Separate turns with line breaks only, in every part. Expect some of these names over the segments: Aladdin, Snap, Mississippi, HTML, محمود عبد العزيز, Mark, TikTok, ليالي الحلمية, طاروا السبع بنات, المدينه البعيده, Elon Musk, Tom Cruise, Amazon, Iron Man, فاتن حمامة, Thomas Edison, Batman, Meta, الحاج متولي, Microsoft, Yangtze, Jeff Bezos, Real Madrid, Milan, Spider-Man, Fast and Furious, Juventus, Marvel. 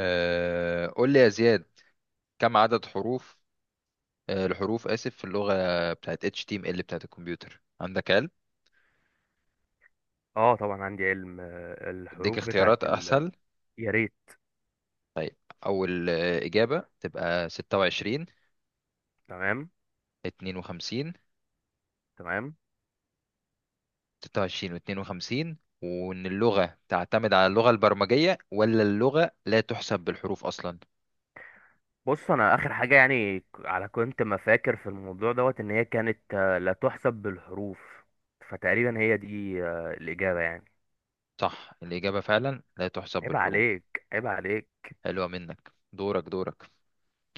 قول لي يا زياد، كم عدد حروف الحروف، آسف، في اللغة بتاعت HTML بتاعت الكمبيوتر، عندك علم؟
اه طبعا عندي علم.
اديك
الحروف بتاعت
اختيارات
ال...
أسهل؟
يا ريت.
طيب. أول إجابة تبقى 26،
تمام.
52،
تمام.
26 و52، وإن اللغة تعتمد على اللغة البرمجية، ولا اللغة لا تحسب بالحروف أصلا؟
بص انا اخر حاجه يعني ك- على كنت ما فاكر في الموضوع دوت ان هي كانت لا تحسب بالحروف، فتقريبا هي دي الاجابه يعني.
صح، الإجابة فعلا لا تحسب
عيب
بالحروف.
عليك، عيب عليك.
حلوة منك. دورك، دورك.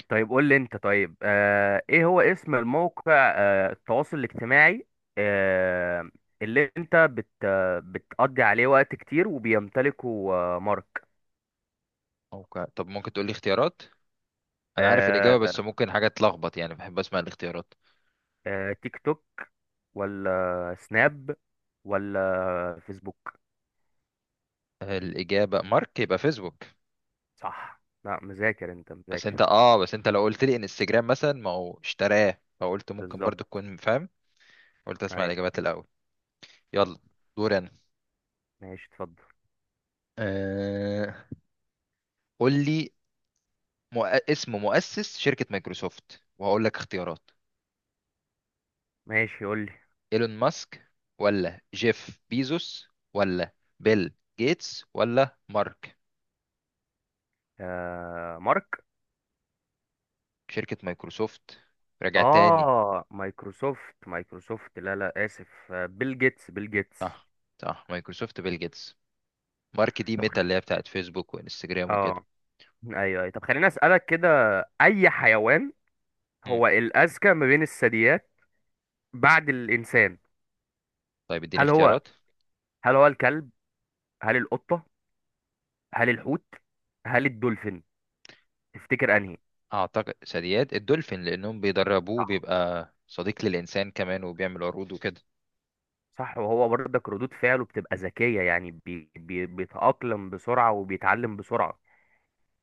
طيب قول لي انت. طيب ايه هو اسم الموقع التواصل الاجتماعي آه اللي انت بت آه، بتقضي عليه وقت كتير وبيمتلكه مارك.
أوكي. طب ممكن تقول لي اختيارات؟ أنا عارف الإجابة
آه،
بس ممكن حاجة تلخبط، يعني بحب أسمع الاختيارات.
تيك توك، ولا سناب، ولا فيسبوك؟
الإجابة مارك، يبقى فيسبوك.
صح. لا مذاكر، انت
بس انت
مذاكر.
بس انت لو قلت لي انستجرام مثلا، ما هو اشتراه، فقلت ممكن
بالظبط.
برضو تكون فاهم. قلت اسمع
ايوه.
الإجابات الأول. يلا. دور انا.
ماشي، اتفضل.
آه... قول لي. مؤ... اسم مؤسس شركة مايكروسوفت، وهقول لك اختيارات.
ماشي قول لي.
ايلون ماسك، ولا جيف بيزوس، ولا بيل جيتس، ولا مارك؟
آه مارك.
شركة مايكروسوفت، راجع تاني.
اه مايكروسوفت، مايكروسوفت، لا لا اسف، بيل جيتس، بيل جيتس.
صح، صح، مايكروسوفت بيل جيتس. مارك دي
طب خ-
ميتا اللي هي بتاعت فيسبوك وانستجرام وكده.
اه. ايوه، أيوة. طب خليني اسالك كده، اي حيوان هو الاذكى ما بين الثدييات بعد الانسان؟
طيب اديني
هل هو
اختيارات.
هل هو الكلب؟ هل القطه؟ هل الحوت؟ هل الدولفين؟ تفتكر انهي؟
اعتقد ثدييات الدولفين، لانهم بيدربوه،
صح.
بيبقى صديق للانسان كمان وبيعمل عروض وكده.
صح، وهو برضك ردود فعله بتبقى ذكية، يعني بي بي بيتأقلم بسرعة وبيتعلم بسرعة،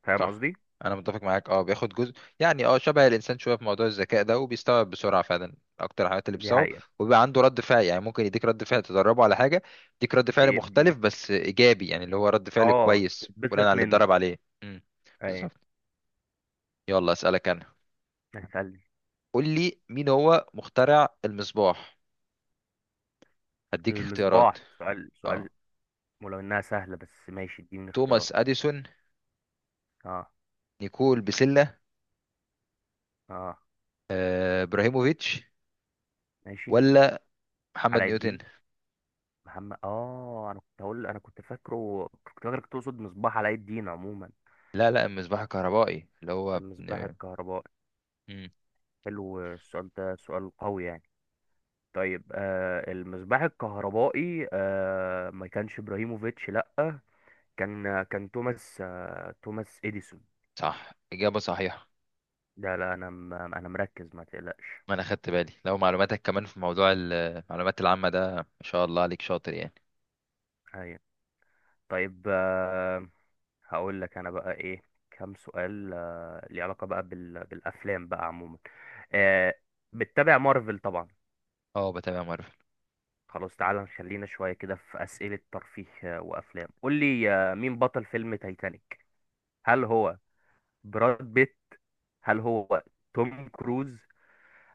فاهم
صح،
قصدي؟
انا متفق معاك. اه بياخد جزء يعني، شبه الانسان شويه في موضوع الذكاء ده، وبيستوعب بسرعه فعلا اكتر الحاجات اللي
دي
بتستوعب.
حقيقة.
وبيبقى عنده رد فعل، يعني ممكن يديك رد فعل تدربه على حاجه، يديك رد فعل
بي- م-
مختلف بس ايجابي، يعني اللي هو رد فعل
اه
كويس بناء
تتبسط
على اللي
منه.
اتدرب عليه
ايوه.
بالظبط. يلا اسالك انا.
هسأل.
قول لي، مين هو مخترع المصباح؟ هديك اختيارات.
المصباح؟ سؤال،
اه
سؤال. ولو انها سهلة بس ماشي، اديني اختيارات.
توماس اديسون،
اه.
نيكول بسلة،
اه.
ابراهيموفيتش،
ماشي.
ولا محمد
علاء
نيوتن؟
الدين. محمد، اه انا كنت هقول، انا كنت فاكره، كنت فاكرك تقصد مصباح علاء الدين عموما.
لا، لا، المصباح الكهربائي اللي هو
المصباح الكهربائي؟
مم.
حلو السؤال ده، سؤال قوي يعني. طيب المصباح الكهربائي، ما كانش ابراهيموفيتش، لا، كان توماس، توماس اديسون.
صح، إجابة صحيحة.
ده لا انا انا مركز ما تقلقش.
ما انا خدت بالي، لو معلوماتك كمان في موضوع المعلومات العامة ده، ما شاء الله عليك، شاطر يعني.
ايوه. طيب آه، هقول لك انا بقى ايه، كام سؤال ليه علاقة بقى بالافلام بقى عموما. آه، بتتابع مارفل طبعا.
اه، بتابع مارفل.
خلاص تعالى نخلينا شوية كده في أسئلة ترفيه وأفلام. قول لي مين بطل فيلم تايتانيك؟ هل هو براد بيت؟ هل هو توم كروز؟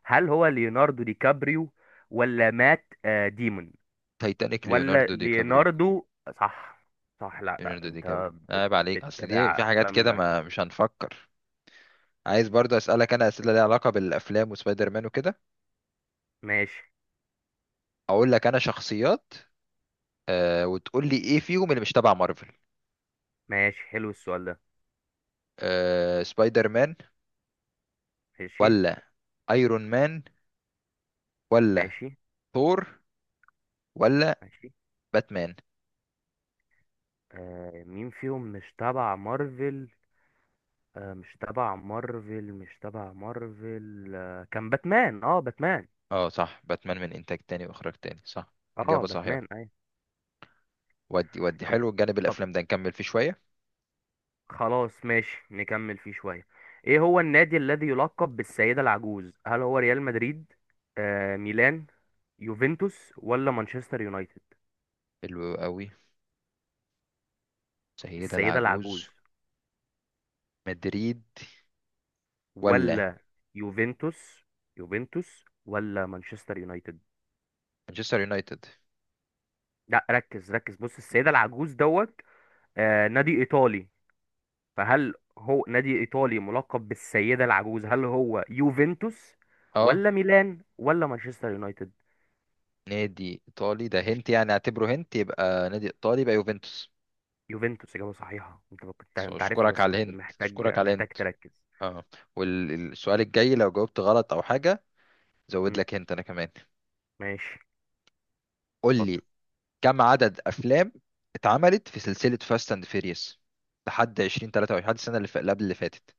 هل هو ليوناردو دي كابريو؟ ولا مات ديمون؟
تايتانيك،
ولا
ليوناردو دي كابريو.
ليوناردو؟ صح. صح. لا لا
ليوناردو دي كابريو، عيب عليك، اصل دي
بتتابع
في حاجات كده
افلام
ما
كتير؟
مش هنفكر. عايز برضو اسالك انا اسئله ليها علاقه بالافلام وسبايدر مان وكده.
ماشي.
اقول لك انا شخصيات، وتقول لي ايه فيهم اللي مش تبع مارفل.
ماشي. حلو السؤال ده.
سبايدر مان،
ماشي.
ولا ايرون مان، ولا
ماشي.
ثور، ولا
ماشي.
باتمان؟
آه مين فيهم مش تبع مارفل؟ آه مش تبع مارفل، مش تبع مارفل، آه كان باتمان، اه باتمان.
اه، صح، باتمان من انتاج تاني واخراج تاني، صح.
اه
اجابه صحيحه.
باتمان اي.
ودي
طب،
حلو، جانب
طب،
الافلام ده نكمل فيه شويه.
خلاص ماشي نكمل فيه شوية. ايه هو النادي الذي يلقب بالسيدة العجوز؟ هل هو ريال مدريد؟ آه ميلان؟ يوفنتوس؟ ولا مانشستر يونايتد؟
حلو قوي. سيده
السيدة
العجوز.
العجوز؟
مدريد، ولا
ولا يوفنتوس؟ يوفنتوس ولا مانشستر يونايتد؟
مانشستر يونايتد؟
لا ركز، ركز، بص السيدة العجوز دوت آه نادي ايطالي. فهل هو نادي ايطالي ملقب بالسيدة العجوز؟ هل هو يوفنتوس؟
اه،
ولا ميلان؟ ولا مانشستر يونايتد؟
نادي ايطالي، ده هنت يعني، اعتبره هنت، يبقى نادي ايطالي، يبقى يوفنتوس.
يوفنتوس إجابة صحيحة. أنت كنت،
بس
أنت عارفها
اشكرك
بس
على
كنت
الهنت،
محتاج،
اشكرك على
محتاج
الهنت.
تركز.
اه. والسؤال الجاي لو جاوبت غلط او حاجه، زود
مم.
لك هنت انا كمان.
ماشي،
قول لي،
اتفضل.
كم عدد افلام اتعملت في سلسله فاست اند فيريوس لحد 2023، لحد السنه اللي اللي قبل اللي فاتت؟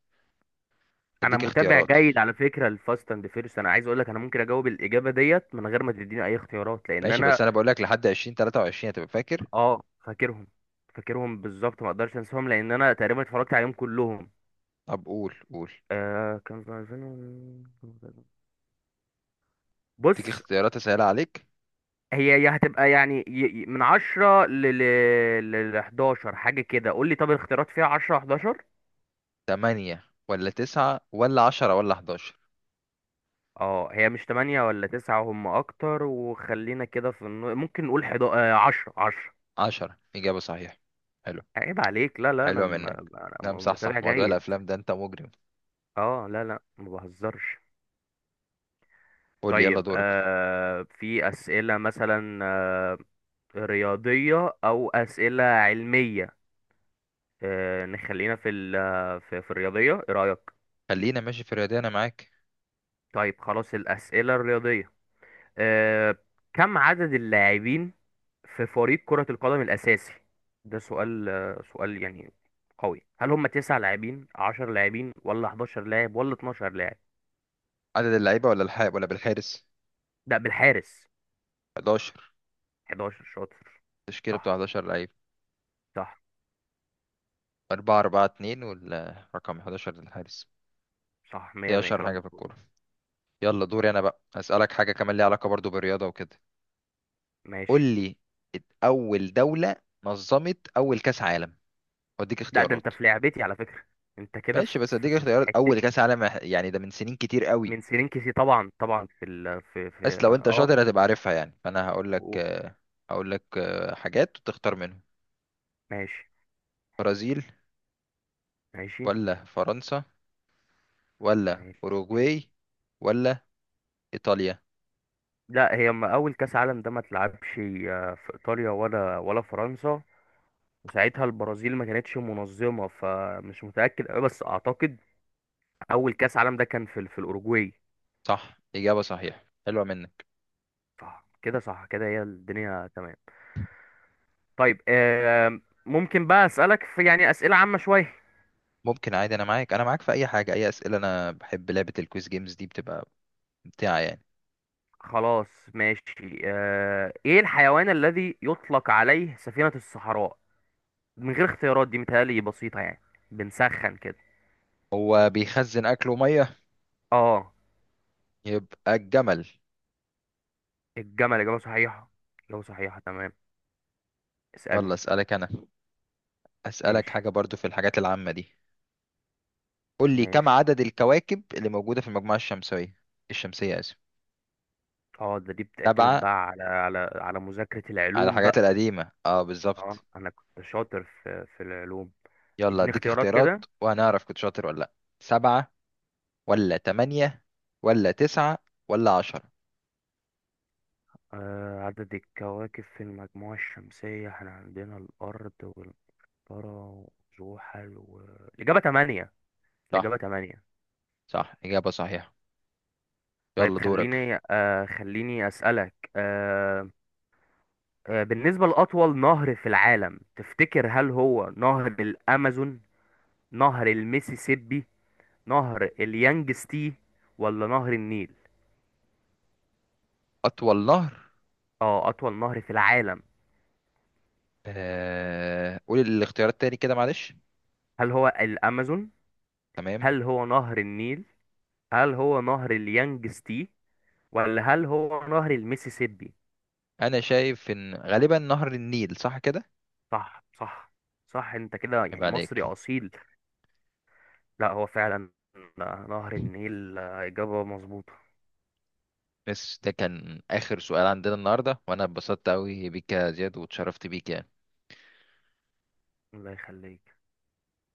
أنا
اديك
متابع
اختيارات.
جيد على فكرة لفاست أند فيرست، أنا عايز أقول لك أنا ممكن أجاوب الإجابة ديت من غير ما تديني أي اختيارات، لأن
ماشي
أنا،
بس انا بقول لك لحد 2023 هتبقى فاكر.
أه فاكرهم، فاكرهم بالظبط، ما أقدرش أنساهم لأن أنا تقريبا اتفرجت عليهم كلهم.
طب قول، قول.
كان في 2000،
اديك
بص
اختيارات اسهل عليك.
هي، هي هتبقى يعني من 10 ل 11 حاجة كده. قول لي طب الاختيارات فيها 10، 11.
8 ولا 9 ولا 10 ولا 11؟
اه هي مش تمانية ولا تسعة، هم اكتر، وخلينا كده في النو... ممكن نقول حدا عشرة، عشرة.
10، اجابه صحيحه. حلو.
عيب عليك. لا لا انا,
حلوه
م...
منك.
أنا
نعم، صح، صح،
متابع
موضوع
جيد.
الافلام ده انت مجرم.
اه لا لا ما بهزرش.
قول لي، يلا
طيب
دورك.
آه في اسئلة مثلا آه، رياضية او اسئلة علمية، نخلينا في ال... في الرياضية، ايه رأيك؟
خلينا ماشي في الرياضه، انا معاك.
طيب خلاص الاسئلة الرياضية. آه كم عدد اللاعبين في فريق كرة القدم الأساسي؟ ده سؤال سؤال يعني قوي. هل هم تسع لاعبين، عشر لاعبين، ولا 11 لاعب، ولا 12 لاعب؟
عدد اللعيبه ولا الحارس ولا بالحارس؟
ده بالحارس.
11.
11 شاطر.
التشكيله بتاع
صح.
11 لعيب.
صح.
أربعة أربعة اتنين، والرقم 11 للحارس.
صح، 100،
دي
100
أشهر
كلام
حاجة في
مظبوط.
الكورة. يلا دوري، أنا بقى هسألك حاجة كمان ليها علاقة برضو بالرياضة وكده. قول
ماشي.
لي، أول دولة نظمت أول كأس عالم، وأديك
لا ده انت
اختيارات.
في لعبتي على فكرة، انت كده
ماشي بس
في،
أديك
في
اختيارات.
حتتي.
أول كأس عالم يعني ده من سنين كتير قوي.
من سنين كتير، طبعا طبعا في ال، في
بس لو أنت
اه.
شاطر هتبقى عارفها يعني، فأنا
و-
هقول لك حاجات وتختار منهم.
ماشي.
برازيل،
ماشي.
ولا فرنسا، ولا
ماشي.
أوروجواي، ولا إيطاليا؟
لا هي ما اول كاس عالم ده ما اتلعبش في ايطاليا ولا فرنسا، وساعتها البرازيل ما كانتش منظمة، فمش متأكد أوي بس أعتقد أول كأس عالم ده كان في في الأوروجواي.
صح، إجابة صحيحة، حلوة منك.
صح كده. صح كده هي الدنيا تمام. طيب آم، ممكن بقى أسألك في يعني أسئلة عامة شوية.
ممكن عادي، انا معاك، انا معاك في اي حاجه. اي اسئله، انا بحب لعبه الكويز جيمز دي، بتبقى ممتعه يعني.
خلاص ماشي. آه، إيه الحيوان الذي يطلق عليه سفينة الصحراء؟ من غير اختيارات دي متهيألي بسيطة يعني، بنسخن كده.
هو بيخزن اكل وميه،
اه.
يبقى الجمل.
الجمل إجابة صحيحة. إجابة صحيحة، تمام.
يلا
اسألني.
اسالك انا، اسالك
ماشي.
حاجه برضو في الحاجات العامه دي. قول لي، كم
ماشي.
عدد الكواكب اللي موجوده في المجموعه الشمسيه، الشمسيه، اسف.
اه ده دي بتعتمد
سبعه؟
بقى على، على، على مذاكرة
على
العلوم
الحاجات
بقى.
القديمه، اه،
اه
بالظبط.
انا كنت شاطر في، في العلوم.
يلا
اديني
اديك
اختيارات
اختيارات
كده.
وهنعرف كنت شاطر ولا لا. سبعه، ولا تمانية، ولا تسعة، ولا عشرة؟
آه عدد الكواكب في المجموعة الشمسية، احنا عندنا الأرض والمشتري وزحل و... الإجابة تمانية.
صح،
الإجابة تمانية.
صح، إجابة صحيحة.
طيب
يلا دورك.
خليني آه، خليني أسألك آه، آه بالنسبة لأطول نهر في العالم، تفتكر هل هو نهر الأمازون؟ نهر الميسيسيبي؟ نهر اليانجستي؟ ولا نهر النيل؟
أطول نهر.
اه اطول نهر في العالم.
قول الاختيارات تاني كده، معلش.
هل هو الامازون؟
تمام.
هل هو نهر النيل؟ هل هو نهر اليانجستي؟ ولا هل هو نهر الميسيسيبي؟
انا شايف ان غالبا نهر النيل، صح كده؟
صح. صح. صح انت كده
يبقى
يعني
عليك.
مصري اصيل. لا هو فعلا نهر النيل اجابة مظبوطة.
بس ده كان اخر سؤال عندنا النهارده، وانا اتبسطت قوي بيك يا زياد، واتشرفت بيك يعني.
الله يخليك.